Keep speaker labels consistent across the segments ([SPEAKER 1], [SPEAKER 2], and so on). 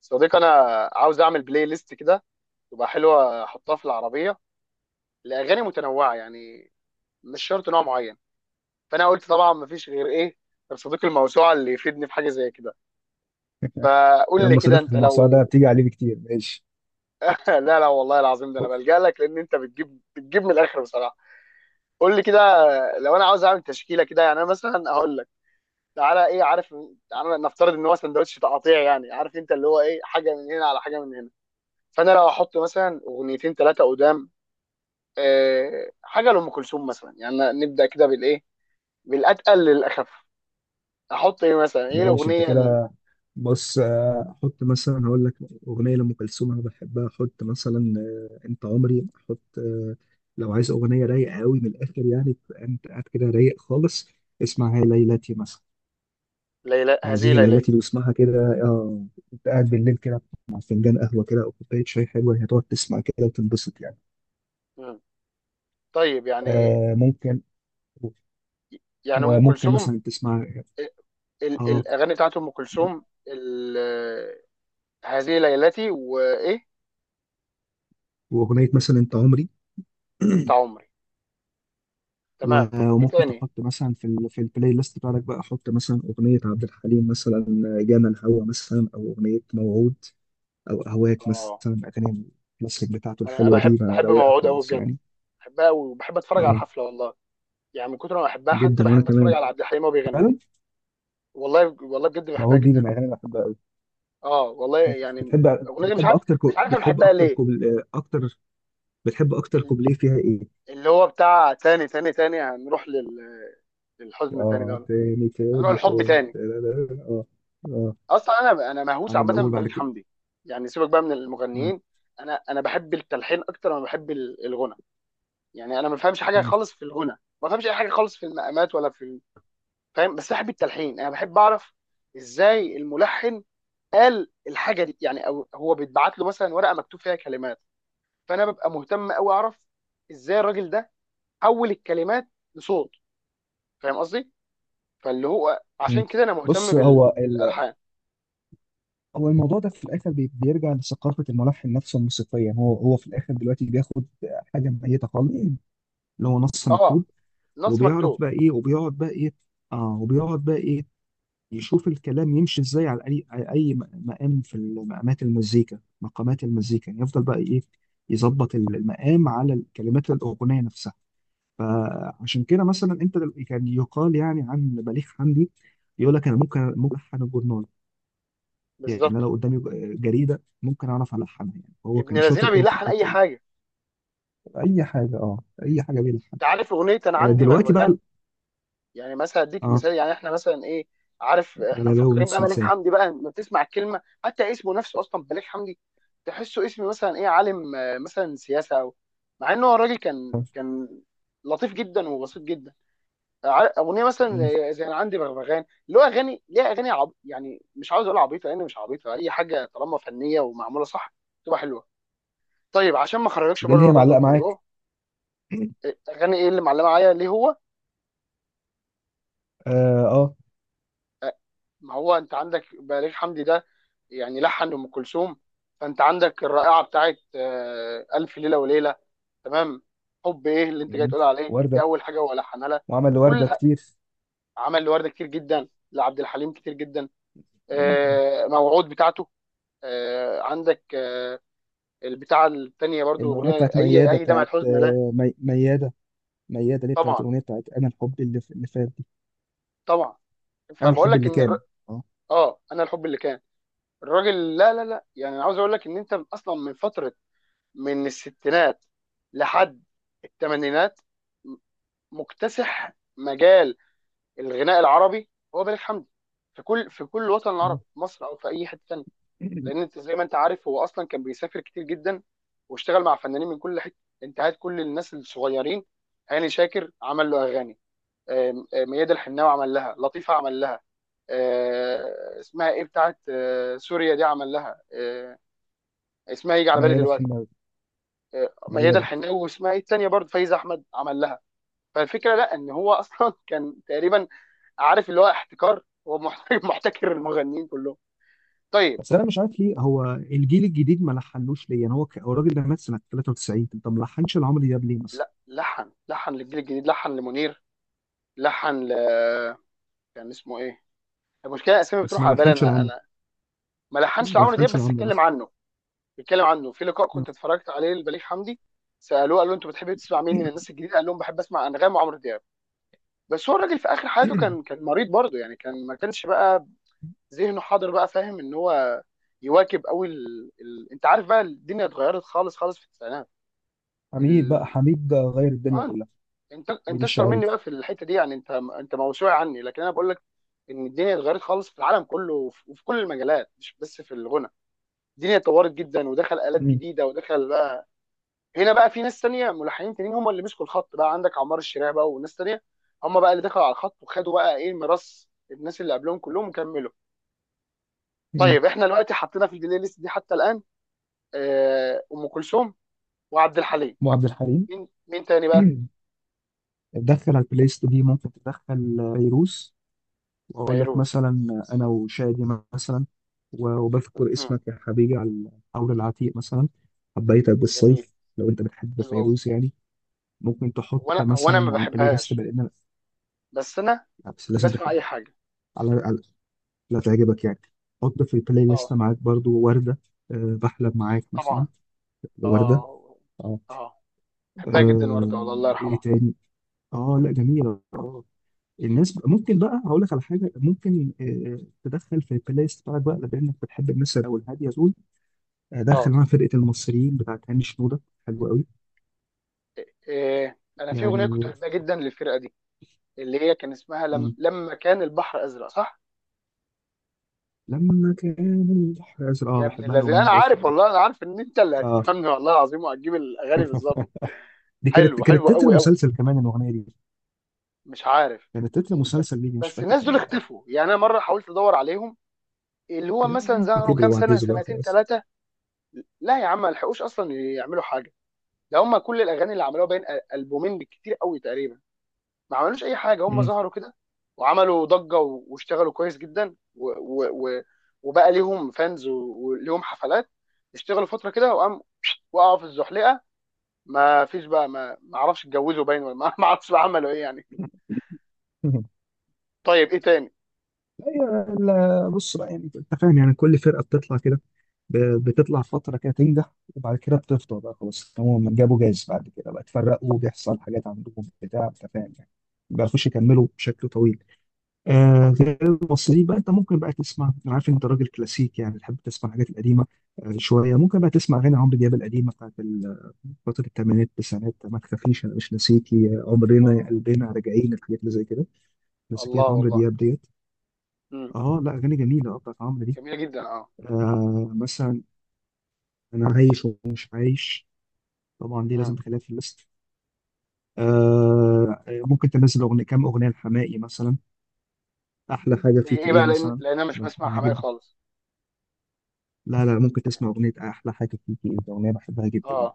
[SPEAKER 1] صديقي، انا عاوز اعمل بلاي ليست كده تبقى حلوه احطها في العربيه لاغاني متنوعه، يعني مش شرط نوع معين. فانا قلت طبعا مفيش غير ايه، غير صديقي الموسوعه اللي يفيدني في حاجه زي كده.
[SPEAKER 2] يا
[SPEAKER 1] فقول لي
[SPEAKER 2] عم،
[SPEAKER 1] كده،
[SPEAKER 2] صديقك
[SPEAKER 1] انت
[SPEAKER 2] الموسوعة ده
[SPEAKER 1] لو
[SPEAKER 2] بتيجي عليه بكتير، ماشي.
[SPEAKER 1] لا لا والله العظيم، ده انا بلجأ لك لان انت بتجيب من الاخر بصراحه. قول لي كده، لو انا عاوز اعمل تشكيله كده يعني، انا مثلا هقول لك تعالى ايه، عارف، تعالى نفترض ان هو سندوتش تقاطيع، يعني عارف انت اللي هو ايه، حاجه من هنا على حاجه من هنا. فانا لو احط مثلا اغنيتين ثلاثه قدام، حاجه لام كلثوم مثلا يعني، نبدا كده بالايه، بالاتقل للاخف، احط ايه مثلا، ايه
[SPEAKER 2] ماشي انت
[SPEAKER 1] الاغنيه
[SPEAKER 2] كده. بص، احط مثلا هقول لك اغنيه لام كلثوم انا بحبها احط مثلا. انت عمري احط. لو عايز اغنيه رايقه قوي من الاخر، يعني تبقى انت قاعد كده رايق خالص. اسمع، هي ليلتي مثلا.
[SPEAKER 1] ليلى، هذه
[SPEAKER 2] هذه
[SPEAKER 1] ليلتي.
[SPEAKER 2] ليلتي بسمعها كده، اه. انت قاعد بالليل كده، مع فنجان قهوه كده او كوبايه شاي حلوه، هتقعد تسمع كده وتنبسط يعني.
[SPEAKER 1] مم. طيب يعني،
[SPEAKER 2] آه، ممكن.
[SPEAKER 1] يعني ام
[SPEAKER 2] وممكن
[SPEAKER 1] كلثوم،
[SPEAKER 2] مثلا تسمع.
[SPEAKER 1] ال-
[SPEAKER 2] اه.
[SPEAKER 1] الاغاني بتاعت ام كلثوم، هذه ليلتي وايه،
[SPEAKER 2] واغنيه مثلا انت عمري.
[SPEAKER 1] انت عمري. تمام.
[SPEAKER 2] و-
[SPEAKER 1] ايه
[SPEAKER 2] وممكن
[SPEAKER 1] تاني؟
[SPEAKER 2] تحط مثلا في البلاي ليست بتاعتك بقى، حط مثلا أغنية عبد الحليم مثلا. جانا الهوى مثلا، أو أغنية موعود، أو أهواك مثلا،
[SPEAKER 1] اه،
[SPEAKER 2] الأغاني الكلاسيك بتاعته
[SPEAKER 1] انا
[SPEAKER 2] الحلوة
[SPEAKER 1] بحب
[SPEAKER 2] دي بقى
[SPEAKER 1] بحب
[SPEAKER 2] رواقة
[SPEAKER 1] موعود قوي
[SPEAKER 2] خالص
[SPEAKER 1] بجد،
[SPEAKER 2] يعني.
[SPEAKER 1] بحبها قوي وبحب اتفرج على
[SPEAKER 2] اه،
[SPEAKER 1] الحفله والله، يعني من كتر ما بحبها حتى
[SPEAKER 2] جدا وأنا
[SPEAKER 1] بحب اتفرج
[SPEAKER 2] كمان.
[SPEAKER 1] على عبد الحليم وهو بيغني.
[SPEAKER 2] فعلا.
[SPEAKER 1] والله والله بجد بحبها
[SPEAKER 2] موعود دي من
[SPEAKER 1] جدا.
[SPEAKER 2] الأغاني اللي بحبها أوي.
[SPEAKER 1] اه والله يعني الاغنيه دي مش عارف، مش عارف انا
[SPEAKER 2] بتحب
[SPEAKER 1] بحبها
[SPEAKER 2] أكتر
[SPEAKER 1] ليه.
[SPEAKER 2] كوبل... أكتر. بتحب أكتر
[SPEAKER 1] ال-
[SPEAKER 2] كوبليه فيها إيه؟
[SPEAKER 1] اللي هو بتاع تاني تاني تاني هنروح لل... للحزن تاني ده،
[SPEAKER 2] اه،
[SPEAKER 1] ولا
[SPEAKER 2] تاني
[SPEAKER 1] هنروح
[SPEAKER 2] تاني
[SPEAKER 1] للحب
[SPEAKER 2] تاني
[SPEAKER 1] تاني؟
[SPEAKER 2] تاني، اه. اه،
[SPEAKER 1] اصلا انا مهووس
[SPEAKER 2] أنا
[SPEAKER 1] عامه
[SPEAKER 2] الأول
[SPEAKER 1] ببليغ
[SPEAKER 2] بعد كده.
[SPEAKER 1] حمدي. يعني سيبك بقى من
[SPEAKER 2] مم.
[SPEAKER 1] المغنيين، انا بحب التلحين اكتر ما بحب الغنى. يعني انا ما بفهمش حاجه
[SPEAKER 2] مم.
[SPEAKER 1] خالص في الغنى، ما بفهمش اي حاجه خالص في المقامات ولا في فاهم، بس بحب التلحين، انا بحب اعرف ازاي الملحن قال الحاجه دي، يعني او هو بيتبعت له مثلا ورقه مكتوب فيها كلمات، فانا ببقى مهتم قوي اعرف ازاي الراجل ده حول الكلمات لصوت، فاهم قصدي؟ فاللي هو عشان
[SPEAKER 2] مم.
[SPEAKER 1] كده انا مهتم
[SPEAKER 2] بص،
[SPEAKER 1] بال...
[SPEAKER 2] هو
[SPEAKER 1] بالالحان.
[SPEAKER 2] هو الموضوع ده في الاخر بيرجع لثقافه الملحن نفسه الموسيقيه. هو في الاخر دلوقتي بياخد حاجه ميته خالص، اللي هو نص مكتوب.
[SPEAKER 1] اه، نص
[SPEAKER 2] وبيعرف
[SPEAKER 1] مكتوب
[SPEAKER 2] بقى ايه وبيقعد بقى ايه. اه، وبيقعد بقى ايه. يشوف الكلام يمشي ازاي على اي مقام في مقامات المزيكا، مقامات المزيكا يعني يفضل بقى ايه. يظبط المقام على كلمات الاغنيه نفسها. فعشان كده مثلا انت كان يقال يعني عن بليغ حمدي. يقول لك انا ممكن الحن. يعني انا
[SPEAKER 1] بالظبط.
[SPEAKER 2] لو قدامي جريده ممكن اعرف الحنها، يعني هو
[SPEAKER 1] ابن
[SPEAKER 2] كان
[SPEAKER 1] لذينه
[SPEAKER 2] شاطر قوي في
[SPEAKER 1] بيلحن اي
[SPEAKER 2] الحته دي.
[SPEAKER 1] حاجه.
[SPEAKER 2] اي حاجه، اه، اي حاجه بيلحن.
[SPEAKER 1] انت عارف اغنيه انا عندي
[SPEAKER 2] دلوقتي
[SPEAKER 1] بغبغان؟
[SPEAKER 2] بقى.
[SPEAKER 1] يعني مثلا اديك
[SPEAKER 2] اه،
[SPEAKER 1] مثال، يعني احنا مثلا ايه، عارف احنا
[SPEAKER 2] غلباوي
[SPEAKER 1] مفكرين بقى
[SPEAKER 2] نص
[SPEAKER 1] ملك
[SPEAKER 2] لسان.
[SPEAKER 1] حمدي بقى، لما بتسمع الكلمه حتى اسمه نفسه اصلا ملك حمدي، تحسه اسم مثلا ايه، عالم، مثلا سياسه او، مع انه هو الراجل كان
[SPEAKER 2] آه،
[SPEAKER 1] كان لطيف جدا وبسيط جدا. اغنيه مثلا
[SPEAKER 2] مم.
[SPEAKER 1] زي انا عندي بغبغان، اللي هو اغاني ليها اغاني عب... يعني مش عاوز اقول عبيطه لان مش عبيطه، اي حاجه طالما فنيه ومعموله صح تبقى حلوه. طيب عشان ما اخرجكش
[SPEAKER 2] ده اللي
[SPEAKER 1] بره
[SPEAKER 2] هي
[SPEAKER 1] برضو
[SPEAKER 2] معلقه معاك.
[SPEAKER 1] الموضوع، اغاني ايه اللي معلمه معايا ليه هو؟
[SPEAKER 2] اه، اه.
[SPEAKER 1] أه، ما هو انت عندك بليغ حمدي ده يعني لحن ام كلثوم، فانت عندك الرائعه بتاعت الف ليله وليله. تمام. حب ايه اللي انت جاي
[SPEAKER 2] مم.
[SPEAKER 1] تقول عليه دي؟
[SPEAKER 2] ورده.
[SPEAKER 1] اول حاجه هو لحنها لها.
[SPEAKER 2] وعمل
[SPEAKER 1] كل
[SPEAKER 2] لورده كتير.
[SPEAKER 1] عمل لورده كتير جدا، لعبد الحليم كتير جدا.
[SPEAKER 2] مم.
[SPEAKER 1] موعود بتاعته. عندك البتاعه الثانيه برضو
[SPEAKER 2] الاغنيه
[SPEAKER 1] اغنيه
[SPEAKER 2] بتاعت
[SPEAKER 1] اي
[SPEAKER 2] مياده
[SPEAKER 1] اي دمعه
[SPEAKER 2] بتاعت،
[SPEAKER 1] حزن لا.
[SPEAKER 2] مياده. مياده ليه، بتاعت
[SPEAKER 1] طبعا،
[SPEAKER 2] الاغنيه بتاعت انا الحب اللي فات دي.
[SPEAKER 1] طبعا،
[SPEAKER 2] انا
[SPEAKER 1] فبقول
[SPEAKER 2] الحب
[SPEAKER 1] لك
[SPEAKER 2] اللي
[SPEAKER 1] ان
[SPEAKER 2] كان. اه.
[SPEAKER 1] اه انا الحب اللي كان، الراجل، لا لا لا يعني، أنا عاوز اقول لك ان انت اصلا من فتره، من الستينات لحد الثمانينات مكتسح مجال الغناء العربي هو بليغ حمدي، في كل وطن
[SPEAKER 2] مم.
[SPEAKER 1] عربي، في مصر او في اي حته تانيه. لان انت زي ما انت عارف هو اصلا كان بيسافر كتير جدا، واشتغل مع فنانين من كل حته. انت هات كل الناس الصغيرين، هاني شاكر عمل له اغاني، آم، آم، ميادة الحناوي عمل لها، لطيفه عمل لها، اسمها ايه بتاعت سوريا دي عمل لها اسمها يجي على بالي
[SPEAKER 2] مياده
[SPEAKER 1] دلوقتي،
[SPEAKER 2] الحناوي.
[SPEAKER 1] ميادة
[SPEAKER 2] مياده.
[SPEAKER 1] الحناوي، واسمها ايه الثانيه برضه، فايزه احمد عمل لها. فالفكره لا، ان هو اصلا كان تقريبا، عارف اللي هو احتكار، هو محتكر المغنيين كلهم. طيب.
[SPEAKER 2] بس انا مش عارف ليه هو الجيل الجديد ما لحنوش ليه، يعني هو هو الراجل ده مات سنه 93. طب ما لحنش العمر دياب ليه مثلا؟
[SPEAKER 1] لا، لحن، لحن للجيل الجديد، لحن لمنير، لحن ل كان اسمه ايه، المشكله الاسامي
[SPEAKER 2] بس
[SPEAKER 1] بتروح
[SPEAKER 2] ما
[SPEAKER 1] على بالي،
[SPEAKER 2] لحنش
[SPEAKER 1] انا
[SPEAKER 2] العمر.
[SPEAKER 1] انا ما لحنش
[SPEAKER 2] ما
[SPEAKER 1] لعمرو دياب
[SPEAKER 2] لحنش
[SPEAKER 1] بس
[SPEAKER 2] العمر
[SPEAKER 1] اتكلم
[SPEAKER 2] مثلا.
[SPEAKER 1] عنه، اتكلم عنه في لقاء
[SPEAKER 2] مم.
[SPEAKER 1] كنت اتفرجت عليه لبليغ حمدي، سالوه قال له انتوا بتحبوا تسمع مين من الناس الجديده، قال لهم بحب اسمع انغام وعمرو دياب. بس هو الراجل في اخر حياته كان كان مريض برضه يعني، ما كانش بقى ذهنه حاضر بقى فاهم ان هو يواكب قوي ال... ال... انت عارف بقى، الدنيا اتغيرت خالص خالص في التسعينات.
[SPEAKER 2] حميد بقى،
[SPEAKER 1] ال...
[SPEAKER 2] حميد غير الدنيا
[SPEAKER 1] اه،
[SPEAKER 2] كلها.
[SPEAKER 1] انت
[SPEAKER 2] حميد
[SPEAKER 1] انت اشطر
[SPEAKER 2] الشاعري.
[SPEAKER 1] مني بقى في الحته دي يعني، انت موسوعي عني. لكن انا بقول لك ان الدنيا اتغيرت خالص في العالم كله، وفي كل المجالات مش بس في الغنى، الدنيا اتطورت جدا، ودخل آلات
[SPEAKER 2] مم.
[SPEAKER 1] جديدة، ودخل بقى هنا بقى في ناس تانية، ملحنين تانيين هم اللي مسكوا الخط بقى، عندك عمار الشريع بقى وناس تانية، هم بقى اللي دخلوا على الخط، وخدوا بقى ايه ميراث الناس اللي قبلهم كلهم كملوا.
[SPEAKER 2] مم.
[SPEAKER 1] طيب احنا دلوقتي حطينا في البلاي ليست دي حتى الان ام كلثوم وعبد الحليم.
[SPEAKER 2] وعبد الحليم.
[SPEAKER 1] مين مين تاني بقى؟
[SPEAKER 2] تدخل على البلاي ست دي، ممكن تدخل فيروز. واقول لك
[SPEAKER 1] فيروز.
[SPEAKER 2] مثلا. انا وشادي. مثلا. و- وبذكر
[SPEAKER 1] امم
[SPEAKER 2] اسمك يا حبيبي على. حول العتيق مثلا. حبيتك
[SPEAKER 1] جميل،
[SPEAKER 2] بالصيف. لو انت بتحب
[SPEAKER 1] حلو قوي.
[SPEAKER 2] فيروز يعني. ممكن تحط
[SPEAKER 1] هو انا،
[SPEAKER 2] مثلا
[SPEAKER 1] ما
[SPEAKER 2] على البلاي ليست
[SPEAKER 1] بحبهاش،
[SPEAKER 2] بقينا.
[SPEAKER 1] بس انا
[SPEAKER 2] بس لازم
[SPEAKER 1] بسمع اي
[SPEAKER 2] تحبها.
[SPEAKER 1] حاجه.
[SPEAKER 2] على على- لا، تعجبك يعني. حط في البلاي ليست
[SPEAKER 1] اه
[SPEAKER 2] معاك برضو وردة. بحلم معاك مثلا.
[SPEAKER 1] طبعا
[SPEAKER 2] وردة.
[SPEAKER 1] اه
[SPEAKER 2] اه.
[SPEAKER 1] اه، بحبها جدا ورده والله، الله
[SPEAKER 2] ايه
[SPEAKER 1] يرحمها.
[SPEAKER 2] تاني؟ اه، لا جميلة، اه. ممكن بقى هقول لك على حاجة، ممكن تدخل في البلاي ليست بتاعك بقى، لأنك بتحب الناس أو الهادية دول. دخل
[SPEAKER 1] اه،
[SPEAKER 2] معاها فرقة المصريين بتاعت هاني شنودة. حلوة قوي.
[SPEAKER 1] إيه. انا في اغنيه كنت
[SPEAKER 2] يعني.
[SPEAKER 1] بحبها جدا للفرقه دي، اللي هي كان اسمها لم...
[SPEAKER 2] مم.
[SPEAKER 1] لما كان البحر ازرق، صح؟
[SPEAKER 2] لما كان البحر أزرق، اه،
[SPEAKER 1] يا ابن
[SPEAKER 2] بحبها لو
[SPEAKER 1] الذين
[SPEAKER 2] هي
[SPEAKER 1] انا عارف
[SPEAKER 2] عارفها.
[SPEAKER 1] والله، انا عارف ان انت اللي
[SPEAKER 2] اه.
[SPEAKER 1] هتفهمني والله العظيم، وهتجيب الاغاني بالظبط.
[SPEAKER 2] دي كانت
[SPEAKER 1] حلو،
[SPEAKER 2] كانت
[SPEAKER 1] حلو
[SPEAKER 2] تتر
[SPEAKER 1] قوي قوي.
[SPEAKER 2] مسلسل كمان الاغنيه دي.
[SPEAKER 1] مش عارف.
[SPEAKER 2] كانت تتر
[SPEAKER 1] بس
[SPEAKER 2] مسلسل ليجي، مش
[SPEAKER 1] بس
[SPEAKER 2] فاكر
[SPEAKER 1] الناس
[SPEAKER 2] كان
[SPEAKER 1] دول
[SPEAKER 2] آه.
[SPEAKER 1] اختفوا يعني، انا مره حاولت ادور عليهم، اللي هو
[SPEAKER 2] يا
[SPEAKER 1] مثلا
[SPEAKER 2] عم
[SPEAKER 1] ظهروا كام
[SPEAKER 2] كبروا
[SPEAKER 1] سنه،
[SPEAKER 2] وعجزوا بقى
[SPEAKER 1] سنتين،
[SPEAKER 2] خلاص.
[SPEAKER 1] ثلاثه. لا يا عم، ما لحقوش اصلا يعملوا حاجه، ده هم كل الاغاني اللي عملوها بين البومين بالكتير قوي تقريبا، ما عملوش اي حاجه، هم
[SPEAKER 2] مم.
[SPEAKER 1] ظهروا كده، وعملوا ضجه واشتغلوا كويس جدا، و و و وبقى ليهم فانز وليهم حفلات، اشتغلوا فتره كده وقام وقعوا في الزحلقه، ما فيش بقى، ما اعرفش اتجوزوا باين ولا ما ما اعرفش بقى عملوا ايه يعني. طيب ايه تاني؟
[SPEAKER 2] لا، بص بقى، يعني انت فاهم، يعني كل فرقه بتطلع كده. بتطلع فتره كده تنجح، وبعد كده بتفضل بقى خلاص. هم جابوا جاز بعد كده بقى اتفرقوا،
[SPEAKER 1] مم.
[SPEAKER 2] بيحصل حاجات عندهم بتاع، انت فاهم يعني. ما بيعرفوش يكملوا بشكل طويل. غير المصريين بقى، انت ممكن بقى تسمع، انا عارف انت راجل كلاسيك يعني، بتحب تسمع الحاجات القديمه. شويه ممكن بقى تسمع اغاني عمرو دياب القديمه بتاعت فترة الثمانينات التسعينات. ما تخافيش، أنا مش ناسيكي، عمرنا يا
[SPEAKER 1] اه
[SPEAKER 2] قلبنا، راجعين الحاجات اللي زي كده. مسكية
[SPEAKER 1] الله
[SPEAKER 2] عمرو
[SPEAKER 1] والله.
[SPEAKER 2] دياب ديت.
[SPEAKER 1] مم.
[SPEAKER 2] اه، لا أغاني جميلة، اه، بتاعت عمرو دي.
[SPEAKER 1] جميله جدا اه.
[SPEAKER 2] مثلا. أنا عايش ومش عايش. طبعا دي لازم
[SPEAKER 1] مم.
[SPEAKER 2] تخليها في الليست. ممكن تنزل أغنية، كام أغنية لحماقي مثلا. أحلى حاجة
[SPEAKER 1] زي
[SPEAKER 2] فيك
[SPEAKER 1] ايه
[SPEAKER 2] إيه
[SPEAKER 1] بقى، لان
[SPEAKER 2] مثلا.
[SPEAKER 1] لان انا مش بسمع
[SPEAKER 2] بحبها
[SPEAKER 1] حماقي
[SPEAKER 2] جدا.
[SPEAKER 1] خالص.
[SPEAKER 2] لا، لا، ممكن تسمع أغنية أحلى حاجة فيك إيه، دي أغنية بحبها جدا
[SPEAKER 1] اه
[SPEAKER 2] يعني.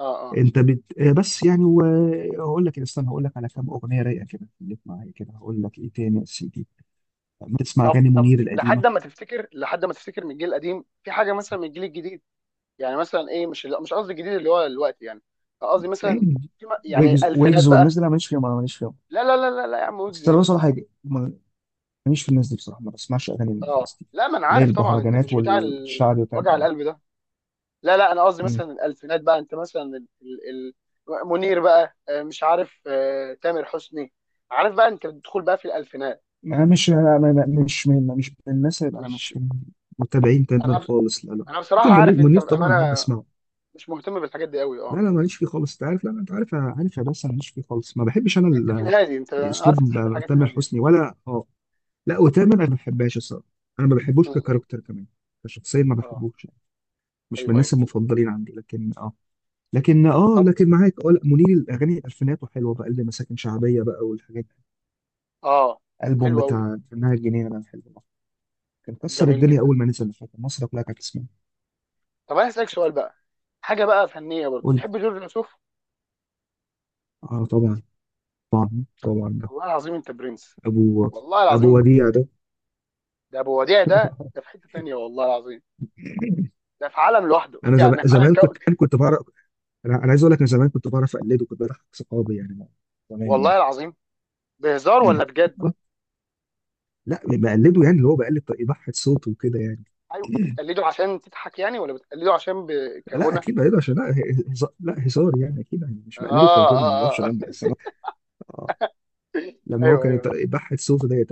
[SPEAKER 1] اه اه.
[SPEAKER 2] أنت بت... آه، بس يعني و- آه، هقول لك، استنى، هقول لك على كام أغنية رايقة كده، خليك معايا كده، هقول لك إيه تاني يا سيدي. بنسمع
[SPEAKER 1] طب
[SPEAKER 2] اغاني
[SPEAKER 1] طب
[SPEAKER 2] منير القديمه.
[SPEAKER 1] لحد ما تفتكر، لحد ما تفتكر من الجيل القديم في حاجه، مثلا من الجيل الجديد، يعني مثلا ايه، مش لا، مش قصدي الجديد اللي هو دلوقتي يعني، قصدي مثلا في يعني
[SPEAKER 2] ويجز،
[SPEAKER 1] الفينات
[SPEAKER 2] ويجز والناس
[SPEAKER 1] بقى.
[SPEAKER 2] دي، لا ماليش فيهم، انا ماليش فيهم.
[SPEAKER 1] لا لا لا لا لا يا عم، ويجز
[SPEAKER 2] بس
[SPEAKER 1] ايه
[SPEAKER 2] انا بصراحه
[SPEAKER 1] بس؟
[SPEAKER 2] حاجه ماليش في الناس دي بصراحه، ما بسمعش اغاني
[SPEAKER 1] اه
[SPEAKER 2] الناس دي.
[SPEAKER 1] لا، ما انا
[SPEAKER 2] اللي هي
[SPEAKER 1] عارف طبعا انت مش
[SPEAKER 2] البهرجانات
[SPEAKER 1] بتاع
[SPEAKER 2] والشعبي وكده،
[SPEAKER 1] وجع
[SPEAKER 2] اه.
[SPEAKER 1] القلب ده. لا لا، انا قصدي
[SPEAKER 2] مم.
[SPEAKER 1] مثلا الالفينات بقى، انت مثلا ال... ال... منير بقى، مش عارف، تامر حسني، عارف بقى انت بتدخل بقى في الالفينات.
[SPEAKER 2] انا مش أنا مش من الناس اللي انا
[SPEAKER 1] مش
[SPEAKER 2] مش من متابعين تمام
[SPEAKER 1] انا
[SPEAKER 2] خالص. لا، لا.
[SPEAKER 1] انا بصراحه
[SPEAKER 2] ممكن منير،
[SPEAKER 1] عارف، انت
[SPEAKER 2] منير طبعا بحب
[SPEAKER 1] انا
[SPEAKER 2] اسمعه.
[SPEAKER 1] مش مهتم بالحاجات دي قوي
[SPEAKER 2] لا،
[SPEAKER 1] اه.
[SPEAKER 2] لا، ماليش فيه خالص، انت عارف. لا، لا، انت عارف، عارف يا، بس أنا ماليش فيه خالص، ما بحبش انا
[SPEAKER 1] انت في الهادي، انت عارف
[SPEAKER 2] اسلوب
[SPEAKER 1] تحب الحاجات
[SPEAKER 2] تامر
[SPEAKER 1] الهاديه.
[SPEAKER 2] حسني ولا، اه. لا، وتامر انا ما بحبهاش الصراحه. انا ما
[SPEAKER 1] م-
[SPEAKER 2] بحبوش
[SPEAKER 1] م.
[SPEAKER 2] ككاركتر كمان. كشخصيه ما
[SPEAKER 1] اه.
[SPEAKER 2] بحبوش. مش من
[SPEAKER 1] ايوه ايوه.
[SPEAKER 2] الناس المفضلين عندي لكن اه. لكن اه،
[SPEAKER 1] طب.
[SPEAKER 2] لكن معاك، اه، لا منير الاغاني الالفينات وحلوه بقى، اللي مساكن شعبيه بقى والحاجات دي.
[SPEAKER 1] اه.
[SPEAKER 2] الالبوم
[SPEAKER 1] حلو قوي.
[SPEAKER 2] بتاع فنها الجنينه ده حلو أوي. كان كسر
[SPEAKER 1] جميل
[SPEAKER 2] الدنيا
[SPEAKER 1] جدا.
[SPEAKER 2] اول ما نزل، فاكر مصر كلها كانت تسمعه.
[SPEAKER 1] طب انا اسالك سؤال بقى، حاجه بقى فنيه برضه،
[SPEAKER 2] قول لي.
[SPEAKER 1] تحب جورج وسوف؟
[SPEAKER 2] اه، طبعا. طبعا طبعا، ده
[SPEAKER 1] والله العظيم انت برنس،
[SPEAKER 2] ابو
[SPEAKER 1] والله
[SPEAKER 2] ابو
[SPEAKER 1] العظيم.
[SPEAKER 2] وديع ده.
[SPEAKER 1] ده ابو وديع، ده في حته تانيه والله العظيم، ده في عالم لوحده
[SPEAKER 2] انا زمان
[SPEAKER 1] يعني على
[SPEAKER 2] زمان
[SPEAKER 1] كو...
[SPEAKER 2] كنت، انا كنت بعرف. انا عايز اقول لك، انا زمان كنت بعرف اقلده، كنت بضحك صحابي يعني. زمان
[SPEAKER 1] والله
[SPEAKER 2] يعني.
[SPEAKER 1] العظيم. بهزار ولا بجد؟
[SPEAKER 2] لا، بقلده يعني، اللي هو بقلد يضحك صوته وكده يعني.
[SPEAKER 1] ايوه، بتقلده عشان تضحك يعني ولا بتقلده عشان ب...
[SPEAKER 2] لا،
[SPEAKER 1] كغنى؟
[SPEAKER 2] اكيد بقلده عشان، لا. هزار، لا هزار يعني، اكيد يعني مش
[SPEAKER 1] اه
[SPEAKER 2] بقلده كغني، انا ما بعرفش
[SPEAKER 1] اه اه
[SPEAKER 2] اغني، بس انا آه. لما هو
[SPEAKER 1] ايوه
[SPEAKER 2] كان
[SPEAKER 1] ايوه.
[SPEAKER 2] بحت صوته ديت.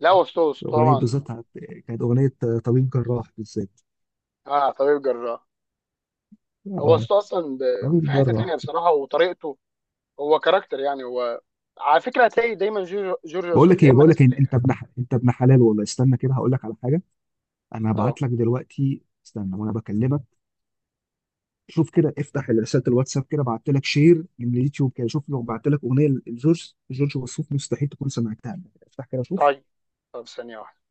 [SPEAKER 1] لا وسوس
[SPEAKER 2] اغنيه بالذات
[SPEAKER 1] طبعا.
[SPEAKER 2] كانت اغنيه طبيب جراح بالذات.
[SPEAKER 1] اه طبيب جراح. هو
[SPEAKER 2] اه،
[SPEAKER 1] صوته اصلا
[SPEAKER 2] طبيب
[SPEAKER 1] في حته تانية
[SPEAKER 2] جراح.
[SPEAKER 1] بصراحه، وطريقته، هو كاركتر يعني، هو على فكره هتلاقي دايما جورج
[SPEAKER 2] بقول
[SPEAKER 1] وسوف
[SPEAKER 2] لك
[SPEAKER 1] يا
[SPEAKER 2] ايه،
[SPEAKER 1] اما
[SPEAKER 2] بقول
[SPEAKER 1] ناس.
[SPEAKER 2] لك إيه، انت ابن حلال والله، استنى كده، هقول لك على حاجه. انا
[SPEAKER 1] اه.
[SPEAKER 2] هبعت لك دلوقتي، استنى وانا بكلمك. شوف كده، افتح رساله الواتساب كده، بعت لك شير من اليوتيوب كده، شوف لو بعت لك اغنيه لجورج جورج وسوف مستحيل تكون سمعتها. افتح كده شوف
[SPEAKER 1] طيب. طب ثانيه واحدة.